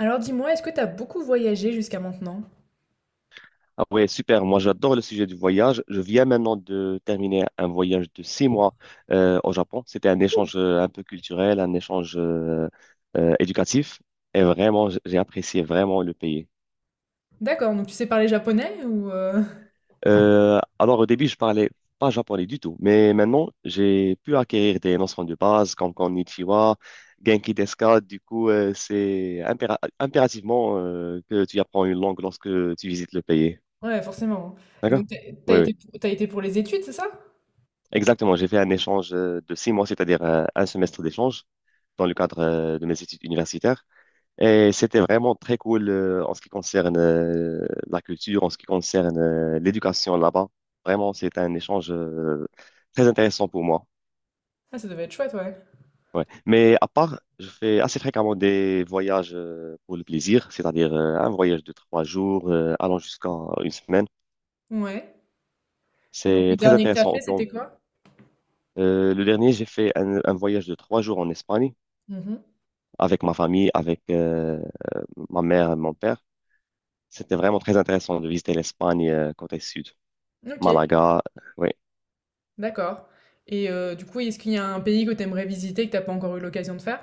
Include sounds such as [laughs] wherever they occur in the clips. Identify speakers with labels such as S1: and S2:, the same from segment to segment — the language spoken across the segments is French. S1: Alors dis-moi, est-ce que t'as beaucoup voyagé jusqu'à maintenant?
S2: Ah ouais, super. Moi, j'adore le sujet du voyage. Je viens maintenant de terminer un voyage de 6 mois au Japon. C'était un échange un peu culturel, un échange éducatif. Et vraiment, j'ai apprécié vraiment le pays.
S1: D'accord, donc tu sais parler japonais ou
S2: Alors, au début, je parlais pas japonais du tout. Mais maintenant, j'ai pu acquérir des notions de base comme Konnichiwa, Genki desu ka. Du coup, c'est impérativement que tu apprends une langue lorsque tu visites le pays.
S1: [laughs] Ouais, forcément. Et
S2: D'accord?
S1: donc t'as t'as
S2: Oui, oui.
S1: été pour, t'as été pour les études, c'est ça?
S2: Exactement, j'ai fait un échange de 6 mois, c'est-à-dire un semestre d'échange dans le cadre de mes études universitaires. Et c'était vraiment très cool en ce qui concerne la culture, en ce qui concerne l'éducation là-bas. Vraiment, c'est un échange très intéressant pour moi.
S1: Ah, ça devait être chouette, ouais.
S2: Ouais. Mais à part, je fais assez fréquemment des voyages pour le plaisir, c'est-à-dire un voyage de 3 jours allant jusqu'à une semaine.
S1: Ouais. Et donc
S2: C'est
S1: le
S2: très
S1: dernier que t'as
S2: intéressant au
S1: fait,
S2: plan.
S1: c'était quoi?
S2: Le dernier, j'ai fait un voyage de trois jours en Espagne,
S1: Mhm.
S2: avec ma famille, avec ma mère et mon père. C'était vraiment très intéressant de visiter l'Espagne côté sud,
S1: Ok,
S2: Malaga, oui.
S1: d'accord. Et du coup, est-ce qu'il y a un pays que t'aimerais visiter que t'as pas encore eu l'occasion de faire?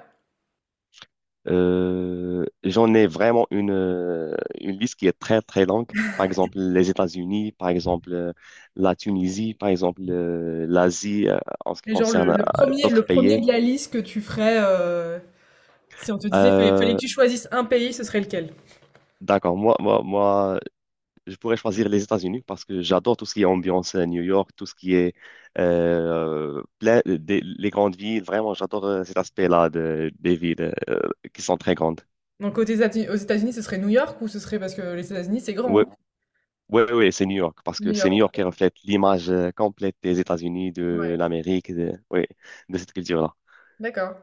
S2: J'en ai vraiment une liste qui est très, très longue. Par exemple, les États-Unis, par exemple, la Tunisie, par exemple, l'Asie, en ce qui
S1: Et genre
S2: concerne
S1: le, le premier,
S2: d'autres
S1: le premier
S2: pays.
S1: de la liste que tu ferais, si on te disait fallait
S2: Euh,
S1: que tu choisisses un pays, ce serait lequel?
S2: d'accord, moi, je pourrais choisir les États-Unis parce que j'adore tout ce qui est ambiance à New York, tout ce qui est plein les grandes villes. Vraiment, j'adore cet aspect-là de, des villes qui sont très grandes.
S1: Donc aux États-Unis, ce serait New York ou ce serait parce que les États-Unis, c'est grand,
S2: Oui,
S1: hein?
S2: oui, oui, c'est New York parce
S1: New
S2: que c'est New
S1: York.
S2: York qui reflète l'image complète des États-Unis, de
S1: Ouais.
S2: l'Amérique, de, oui, de cette culture-là.
S1: D'accord.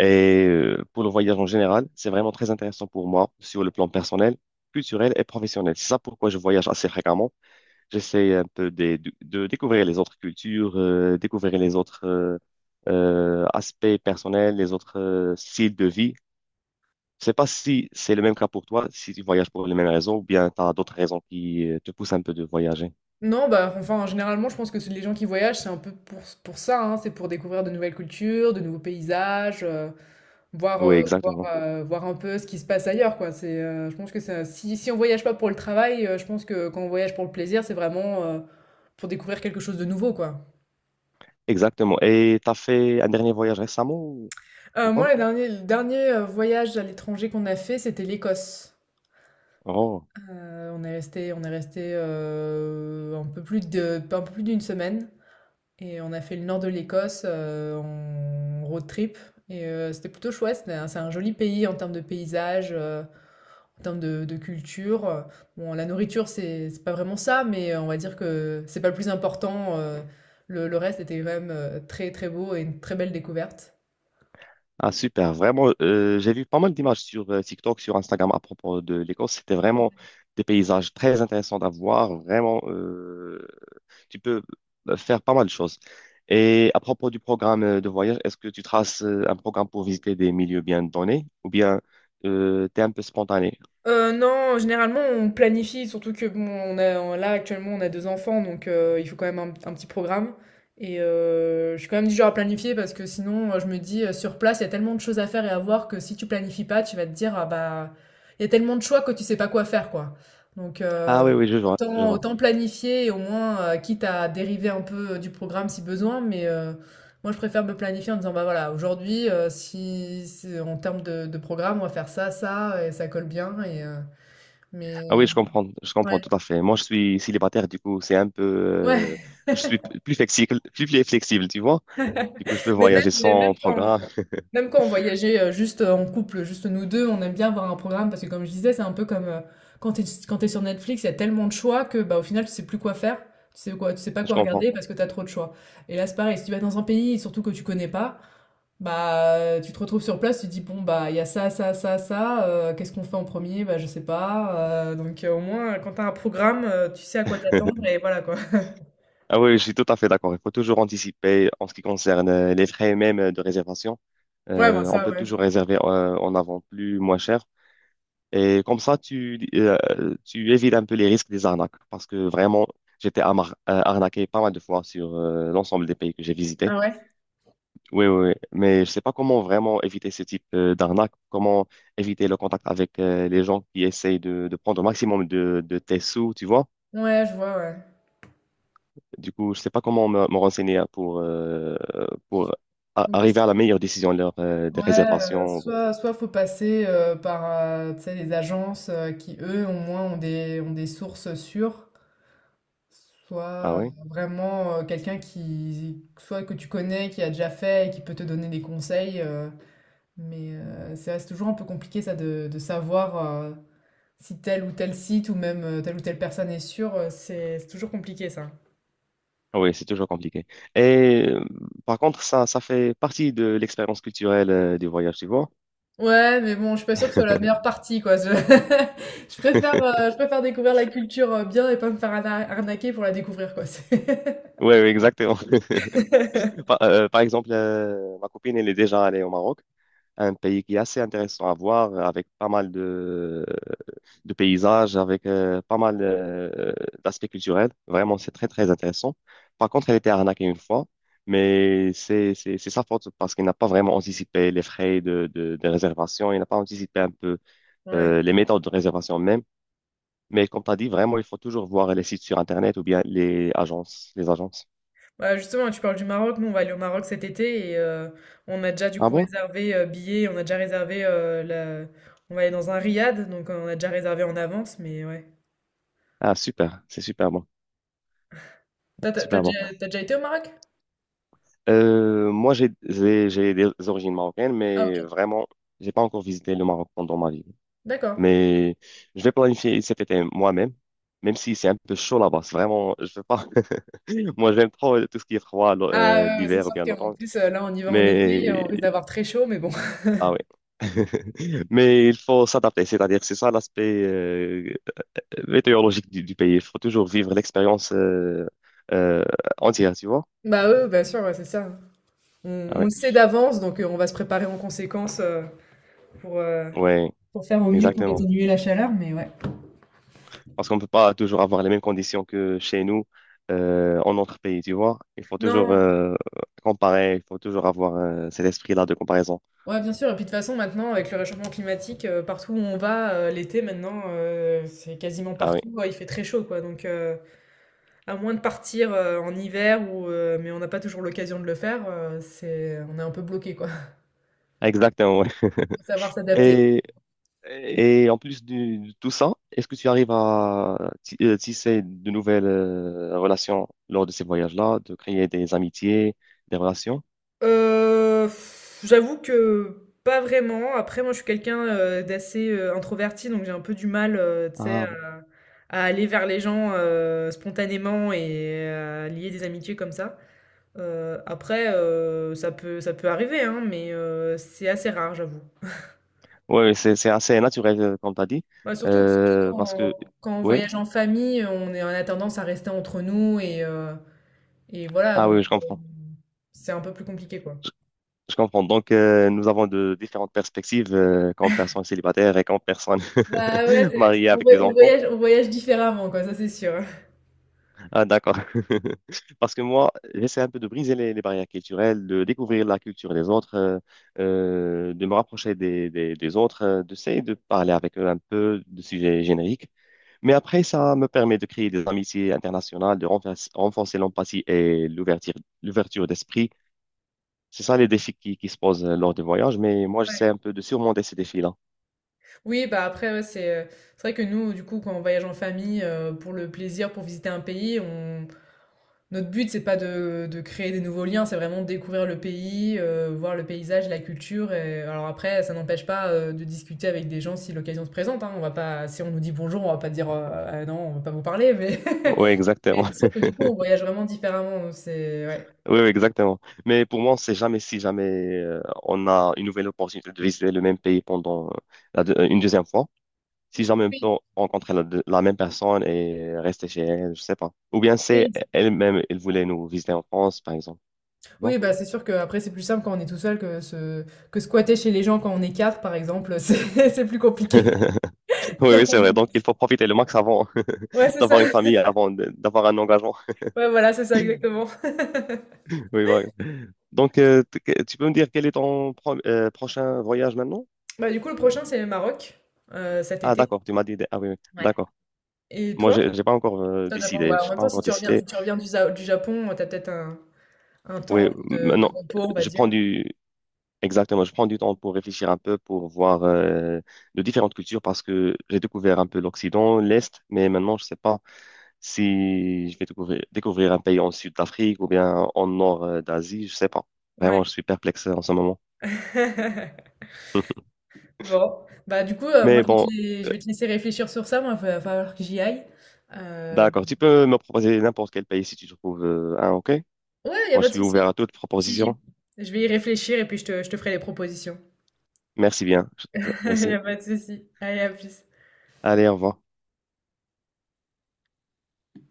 S2: Et pour le voyage en général, c'est vraiment très intéressant pour moi sur le plan personnel, culturel et professionnel. C'est ça pourquoi je voyage assez fréquemment. J'essaie un peu de découvrir les autres cultures, découvrir les autres aspects personnels, les autres styles de vie. Je sais pas si c'est le même cas pour toi, si tu voyages pour les mêmes raisons ou bien tu as d'autres raisons qui te poussent un peu de voyager.
S1: Non, bah, enfin, généralement, je pense que les gens qui voyagent, c'est un peu pour ça, hein, c'est pour découvrir de nouvelles cultures, de nouveaux paysages, euh, voir,
S2: Oui,
S1: euh, voir,
S2: exactement.
S1: euh, voir un peu ce qui se passe ailleurs, quoi. Je pense que ça, si on voyage pas pour le travail, je pense que quand on voyage pour le plaisir, c'est vraiment pour découvrir quelque chose de nouveau, quoi.
S2: Exactement. Et tu as fait un dernier voyage récemment ou pas?
S1: Moi, le dernier voyage à l'étranger qu'on a fait, c'était l'Écosse.
S2: Oh.
S1: On est resté un peu plus d'une semaine. Et on a fait le nord de l'Écosse en road trip. Et c'était plutôt chouette. C'est un joli pays en termes de paysage, en termes de culture. Bon, la nourriture, c'est pas vraiment ça, mais on va dire que c'est pas le plus important. Le reste était quand même très très beau et une très belle découverte.
S2: Ah, super. Vraiment, j'ai vu pas mal d'images sur TikTok, sur Instagram à propos de l'Écosse. C'était vraiment des paysages très intéressants à voir, vraiment. Tu peux faire pas mal de choses. Et à propos du programme de voyage, est-ce que tu traces un programme pour visiter des milieux bien donnés ou bien t'es un peu spontané?
S1: Non, généralement, on planifie surtout que bon, on là, actuellement, on a 2 enfants donc il faut quand même un petit programme et je suis quand même du genre à planifier parce que sinon, je me dis, sur place, il y a tellement de choses à faire et à voir que si tu planifies pas, tu vas te dire: «Ah bah, il y a tellement de choix que tu sais pas quoi faire, quoi». Donc
S2: Ah
S1: heu,
S2: oui, oui, je vois, je
S1: autant
S2: vois.
S1: autant planifier et au moins, quitte à dériver un peu, du programme si besoin mais moi, je préfère me planifier en disant, bah voilà, aujourd'hui, en termes de programme, on va faire ça, ça, et ça colle bien. Et, mais
S2: Ah oui, je comprends
S1: ouais,
S2: tout à fait. Moi, je suis célibataire, du coup, c'est un peu,
S1: ouais.
S2: je suis plus flexible, plus flexible, tu vois. Du coup, je peux
S1: [laughs] Mais même,
S2: voyager sans programme.
S1: même quand on voyageait juste en couple, juste nous deux, on aime bien avoir un programme parce que, comme je disais, c'est un peu comme quand t'es sur Netflix, il y a tellement de choix que, bah, au final, tu sais plus quoi faire. Tu sais pas
S2: Je
S1: quoi
S2: comprends.
S1: regarder parce que t'as trop de choix. Et là, c'est pareil. Si tu vas dans un pays, surtout que tu connais pas. Bah, tu te retrouves sur place, tu te dis, bon, bah, il y a ça, ça, ça, ça, qu'est-ce qu'on fait en premier? Bah, je sais pas. Donc, au moins, quand t'as un programme, tu sais à quoi t'attendre
S2: [laughs]
S1: et voilà, quoi. [laughs]
S2: Ah oui, je suis tout à fait d'accord. Il faut toujours anticiper en ce qui concerne les frais même de réservation.
S1: Ouais, bah,
S2: On
S1: ça,
S2: peut
S1: ouais.
S2: toujours réserver en avant plus moins cher. Et comme ça, tu évites un peu les risques des arnaques. Parce que vraiment, j'étais arnaqué pas mal de fois sur l'ensemble des pays que j'ai visités.
S1: Ah ouais?
S2: Oui, oui, oui. Mais je ne sais pas comment vraiment éviter ce type d'arnaque. Comment éviter le contact avec les gens qui essayent de prendre au maximum de tes sous, tu vois.
S1: Ouais, je vois, ouais.
S2: Du coup, je ne sais pas comment me renseigner hein, pour
S1: Donc,
S2: arriver à la meilleure décision lors des
S1: ouais,
S2: réservations.
S1: soit faut passer par, tu sais, les agences qui, eux, au moins, ont des sources sûres,
S2: Ah
S1: soit
S2: oui?
S1: vraiment quelqu'un qui, soit que tu connais, qui a déjà fait et qui peut te donner des conseils. Mais ça reste toujours un peu compliqué ça de savoir si tel ou tel site ou même telle ou telle personne est sûre, c'est toujours compliqué ça.
S2: Oui, c'est toujours compliqué. Et par contre, ça fait partie de l'expérience culturelle du voyage, tu vois.
S1: Ouais, mais bon, je suis pas sûre que ce soit la meilleure
S2: [laughs]
S1: partie quoi. [laughs] Je préfère découvrir la culture bien et pas me faire arnaquer pour la découvrir quoi. [laughs]
S2: Oui, exactement. Par exemple, ma copine, elle est déjà allée au Maroc, un pays qui est assez intéressant à voir, avec pas mal de paysages, avec pas mal d'aspects culturels. Vraiment, c'est très, très intéressant. Par contre, elle était arnaquée une fois, mais c'est sa faute parce qu'elle n'a pas vraiment anticipé les frais de réservation, elle n'a pas anticipé un peu
S1: Ouais.
S2: les méthodes de réservation même. Mais comme tu as dit, vraiment, il faut toujours voir les sites sur Internet ou bien les agences, les agences.
S1: Bah justement, tu parles du Maroc. Nous, on va aller au Maroc cet été et on a déjà du
S2: Ah
S1: coup
S2: bon?
S1: réservé billets, on a déjà réservé la... On va aller dans un riad, donc on a déjà réservé en avance, mais ouais.
S2: Ah, super, c'est super bon,
S1: T'as t'as- t'as
S2: super bon.
S1: déjà, t'as déjà été au Maroc?
S2: Moi, j'ai des origines marocaines,
S1: Ah
S2: mais
S1: OK.
S2: vraiment, j'ai pas encore visité le Maroc pendant ma vie.
S1: D'accord.
S2: Mais je vais planifier cet été moi-même, même si c'est un peu chaud là-bas. C'est vraiment, je veux pas. [laughs] Moi, j'aime trop tout ce qui est froid,
S1: Ah, c'est
S2: l'hiver ou
S1: sûr
S2: bien
S1: qu'en
S2: l'automne.
S1: plus, là, on y va en été,
S2: Mais
S1: on risque d'avoir très chaud, mais bon. [laughs]
S2: ah ouais. [laughs] Mais il faut s'adapter, c'est-à-dire c'est ça l'aspect météorologique du pays. Il faut toujours vivre l'expérience euh, entière, tu vois?
S1: Bah, eux, bien sûr, ouais, c'est ça. On
S2: Ah
S1: on
S2: ouais,
S1: le sait d'avance, donc on va se préparer en conséquence, pour, heu
S2: ouais,
S1: pour faire au mieux pour
S2: exactement.
S1: atténuer la chaleur, mais ouais.
S2: Parce qu'on ne peut pas toujours avoir les mêmes conditions que chez nous en notre pays, tu vois? Il faut toujours
S1: Non,
S2: comparer, il faut toujours avoir cet esprit-là de comparaison.
S1: ouais, bien sûr et puis de toute façon, maintenant, avec le réchauffement climatique, partout où on va, l'été maintenant, c'est quasiment
S2: Ah oui,
S1: partout, il fait très chaud, quoi, donc à moins de partir, en hiver ou mais on n'a pas toujours l'occasion de le faire, c'est on est un peu bloqué, quoi. [laughs]
S2: exactement. Ouais.
S1: Faut savoir s'adapter.
S2: Et, et en plus tout ça, est-ce que tu arrives à tisser de nouvelles relations lors de ces voyages-là, de créer des amitiés, des relations?
S1: Heu, J'avoue que pas vraiment. Après moi, je suis quelqu'un, d'assez, introverti, donc j'ai un peu du mal, tu sais,
S2: Ah,
S1: à aller vers les gens, spontanément et à lier des amitiés comme ça. Après, ça peut arriver, hein, mais c'est assez rare, j'avoue.
S2: ouais, ouais, c'est assez naturel, comme tu as dit.
S1: Bah, surtout
S2: Parce que,
S1: quand on
S2: oui,
S1: voyage en famille, on a tendance à rester entre nous et et voilà,
S2: ah
S1: donc
S2: oui, je comprends.
S1: c'est un peu plus compliqué, quoi.
S2: Je, je comprends. Donc, nous avons de différentes perspectives, comme personne célibataire et comme personne
S1: Bah ouais,
S2: [laughs]
S1: c'est
S2: mariée
S1: on
S2: avec
S1: voy-
S2: des enfants.
S1: on voyage différemment, quoi, ça c'est sûr.
S2: Ah, d'accord. [laughs] Parce que moi, j'essaie un peu de briser les barrières culturelles, de découvrir la culture des autres, de me rapprocher des autres, d'essayer de parler avec eux un peu de sujets génériques. Mais après, ça me permet de créer des amitiés internationales, de renforcer l'empathie et l'ouverture d'esprit. C'est ça les défis qui se posent lors des voyages, mais moi,
S1: Ouais.
S2: j'essaie un peu de surmonter ces défis-là.
S1: Oui, bah après, ouais, c'est vrai que nous, du coup, quand on voyage en famille, pour le plaisir, pour visiter un pays, on... Notre but, c'est pas de créer des nouveaux liens, c'est vraiment de découvrir le pays, voir le paysage, la culture. Et... Alors après, ça n'empêche pas de discuter avec des gens si l'occasion se présente. Hein. On va pas... Si on nous dit bonjour, on va pas dire Ah non, on va pas vous parler, mais,
S2: Oui,
S1: [laughs]
S2: exactement.
S1: mais c'est sûr
S2: [laughs]
S1: que du coup, on voyage vraiment différemment. C'est... Ouais.
S2: Oui, oui, exactement. Mais pour moi, on sait jamais si jamais on a une nouvelle opportunité de visiter le même pays pendant une deuxième fois. Si jamais on
S1: Oui,
S2: peut rencontrer la même personne et rester chez elle, je sais pas. Ou bien c'est
S1: oui,
S2: elle-même, elle voulait nous visiter en France, par exemple.
S1: Oui, bah, c'est sûr qu'après, c'est plus simple quand on est tout seul que se que squatter chez les gens quand on est 4 par exemple, [laughs] c'est plus compliqué.
S2: [laughs] Oui, oui, c'est vrai. Donc,
S1: [laughs]
S2: il faut profiter le max avant
S1: Ouais,
S2: [laughs]
S1: c'est ça.
S2: d'avoir une famille, d'avoir un engagement.
S1: Ouais, voilà, c'est ça, exactement.
S2: [laughs] Oui, voilà. Donc, tu peux me dire quel est prochain voyage maintenant?
S1: Bah, du coup, le prochain, c'est le Maroc, cet
S2: Ah,
S1: été.
S2: d'accord, tu m'as dit. Des... Ah oui, oui, d'accord.
S1: Et
S2: Moi,
S1: toi?
S2: j'ai pas encore
S1: Toi, tu pas
S2: décidé.
S1: bah, en
S2: J'ai
S1: même
S2: pas
S1: temps, si
S2: encore
S1: tu reviens si
S2: décidé.
S1: tu reviens du Japon, t'as peut-être un
S2: Oui,
S1: temps de
S2: maintenant,
S1: repos, on va
S2: je
S1: dire.
S2: prends du... Exactement, je prends du temps pour réfléchir un peu, pour voir de différentes cultures, parce que j'ai découvert un peu l'Occident, l'Est, mais maintenant, je sais pas. Si je vais découvrir un pays en sud d'Afrique ou bien en nord d'Asie, je sais pas.
S1: Ouais.
S2: Vraiment, je suis perplexe en ce moment.
S1: [laughs]
S2: [laughs]
S1: Bon, bah, du coup, moi,
S2: Mais
S1: je vais
S2: bon,
S1: te je
S2: euh,
S1: vais te laisser réfléchir sur ça. Moi, il va falloir que j'y aille. Hem
S2: d'accord. Tu peux me proposer n'importe quel pays si tu trouves un, ok?
S1: Ouais, il y a
S2: Moi,
S1: pas
S2: je
S1: de
S2: suis
S1: souci.
S2: ouvert à toute
S1: Si j'y
S2: proposition.
S1: Je vais y réfléchir et puis je te ferai les propositions.
S2: Merci bien.
S1: [laughs] Il y
S2: Merci.
S1: a pas de souci. Allez, à plus.
S2: Allez, au revoir.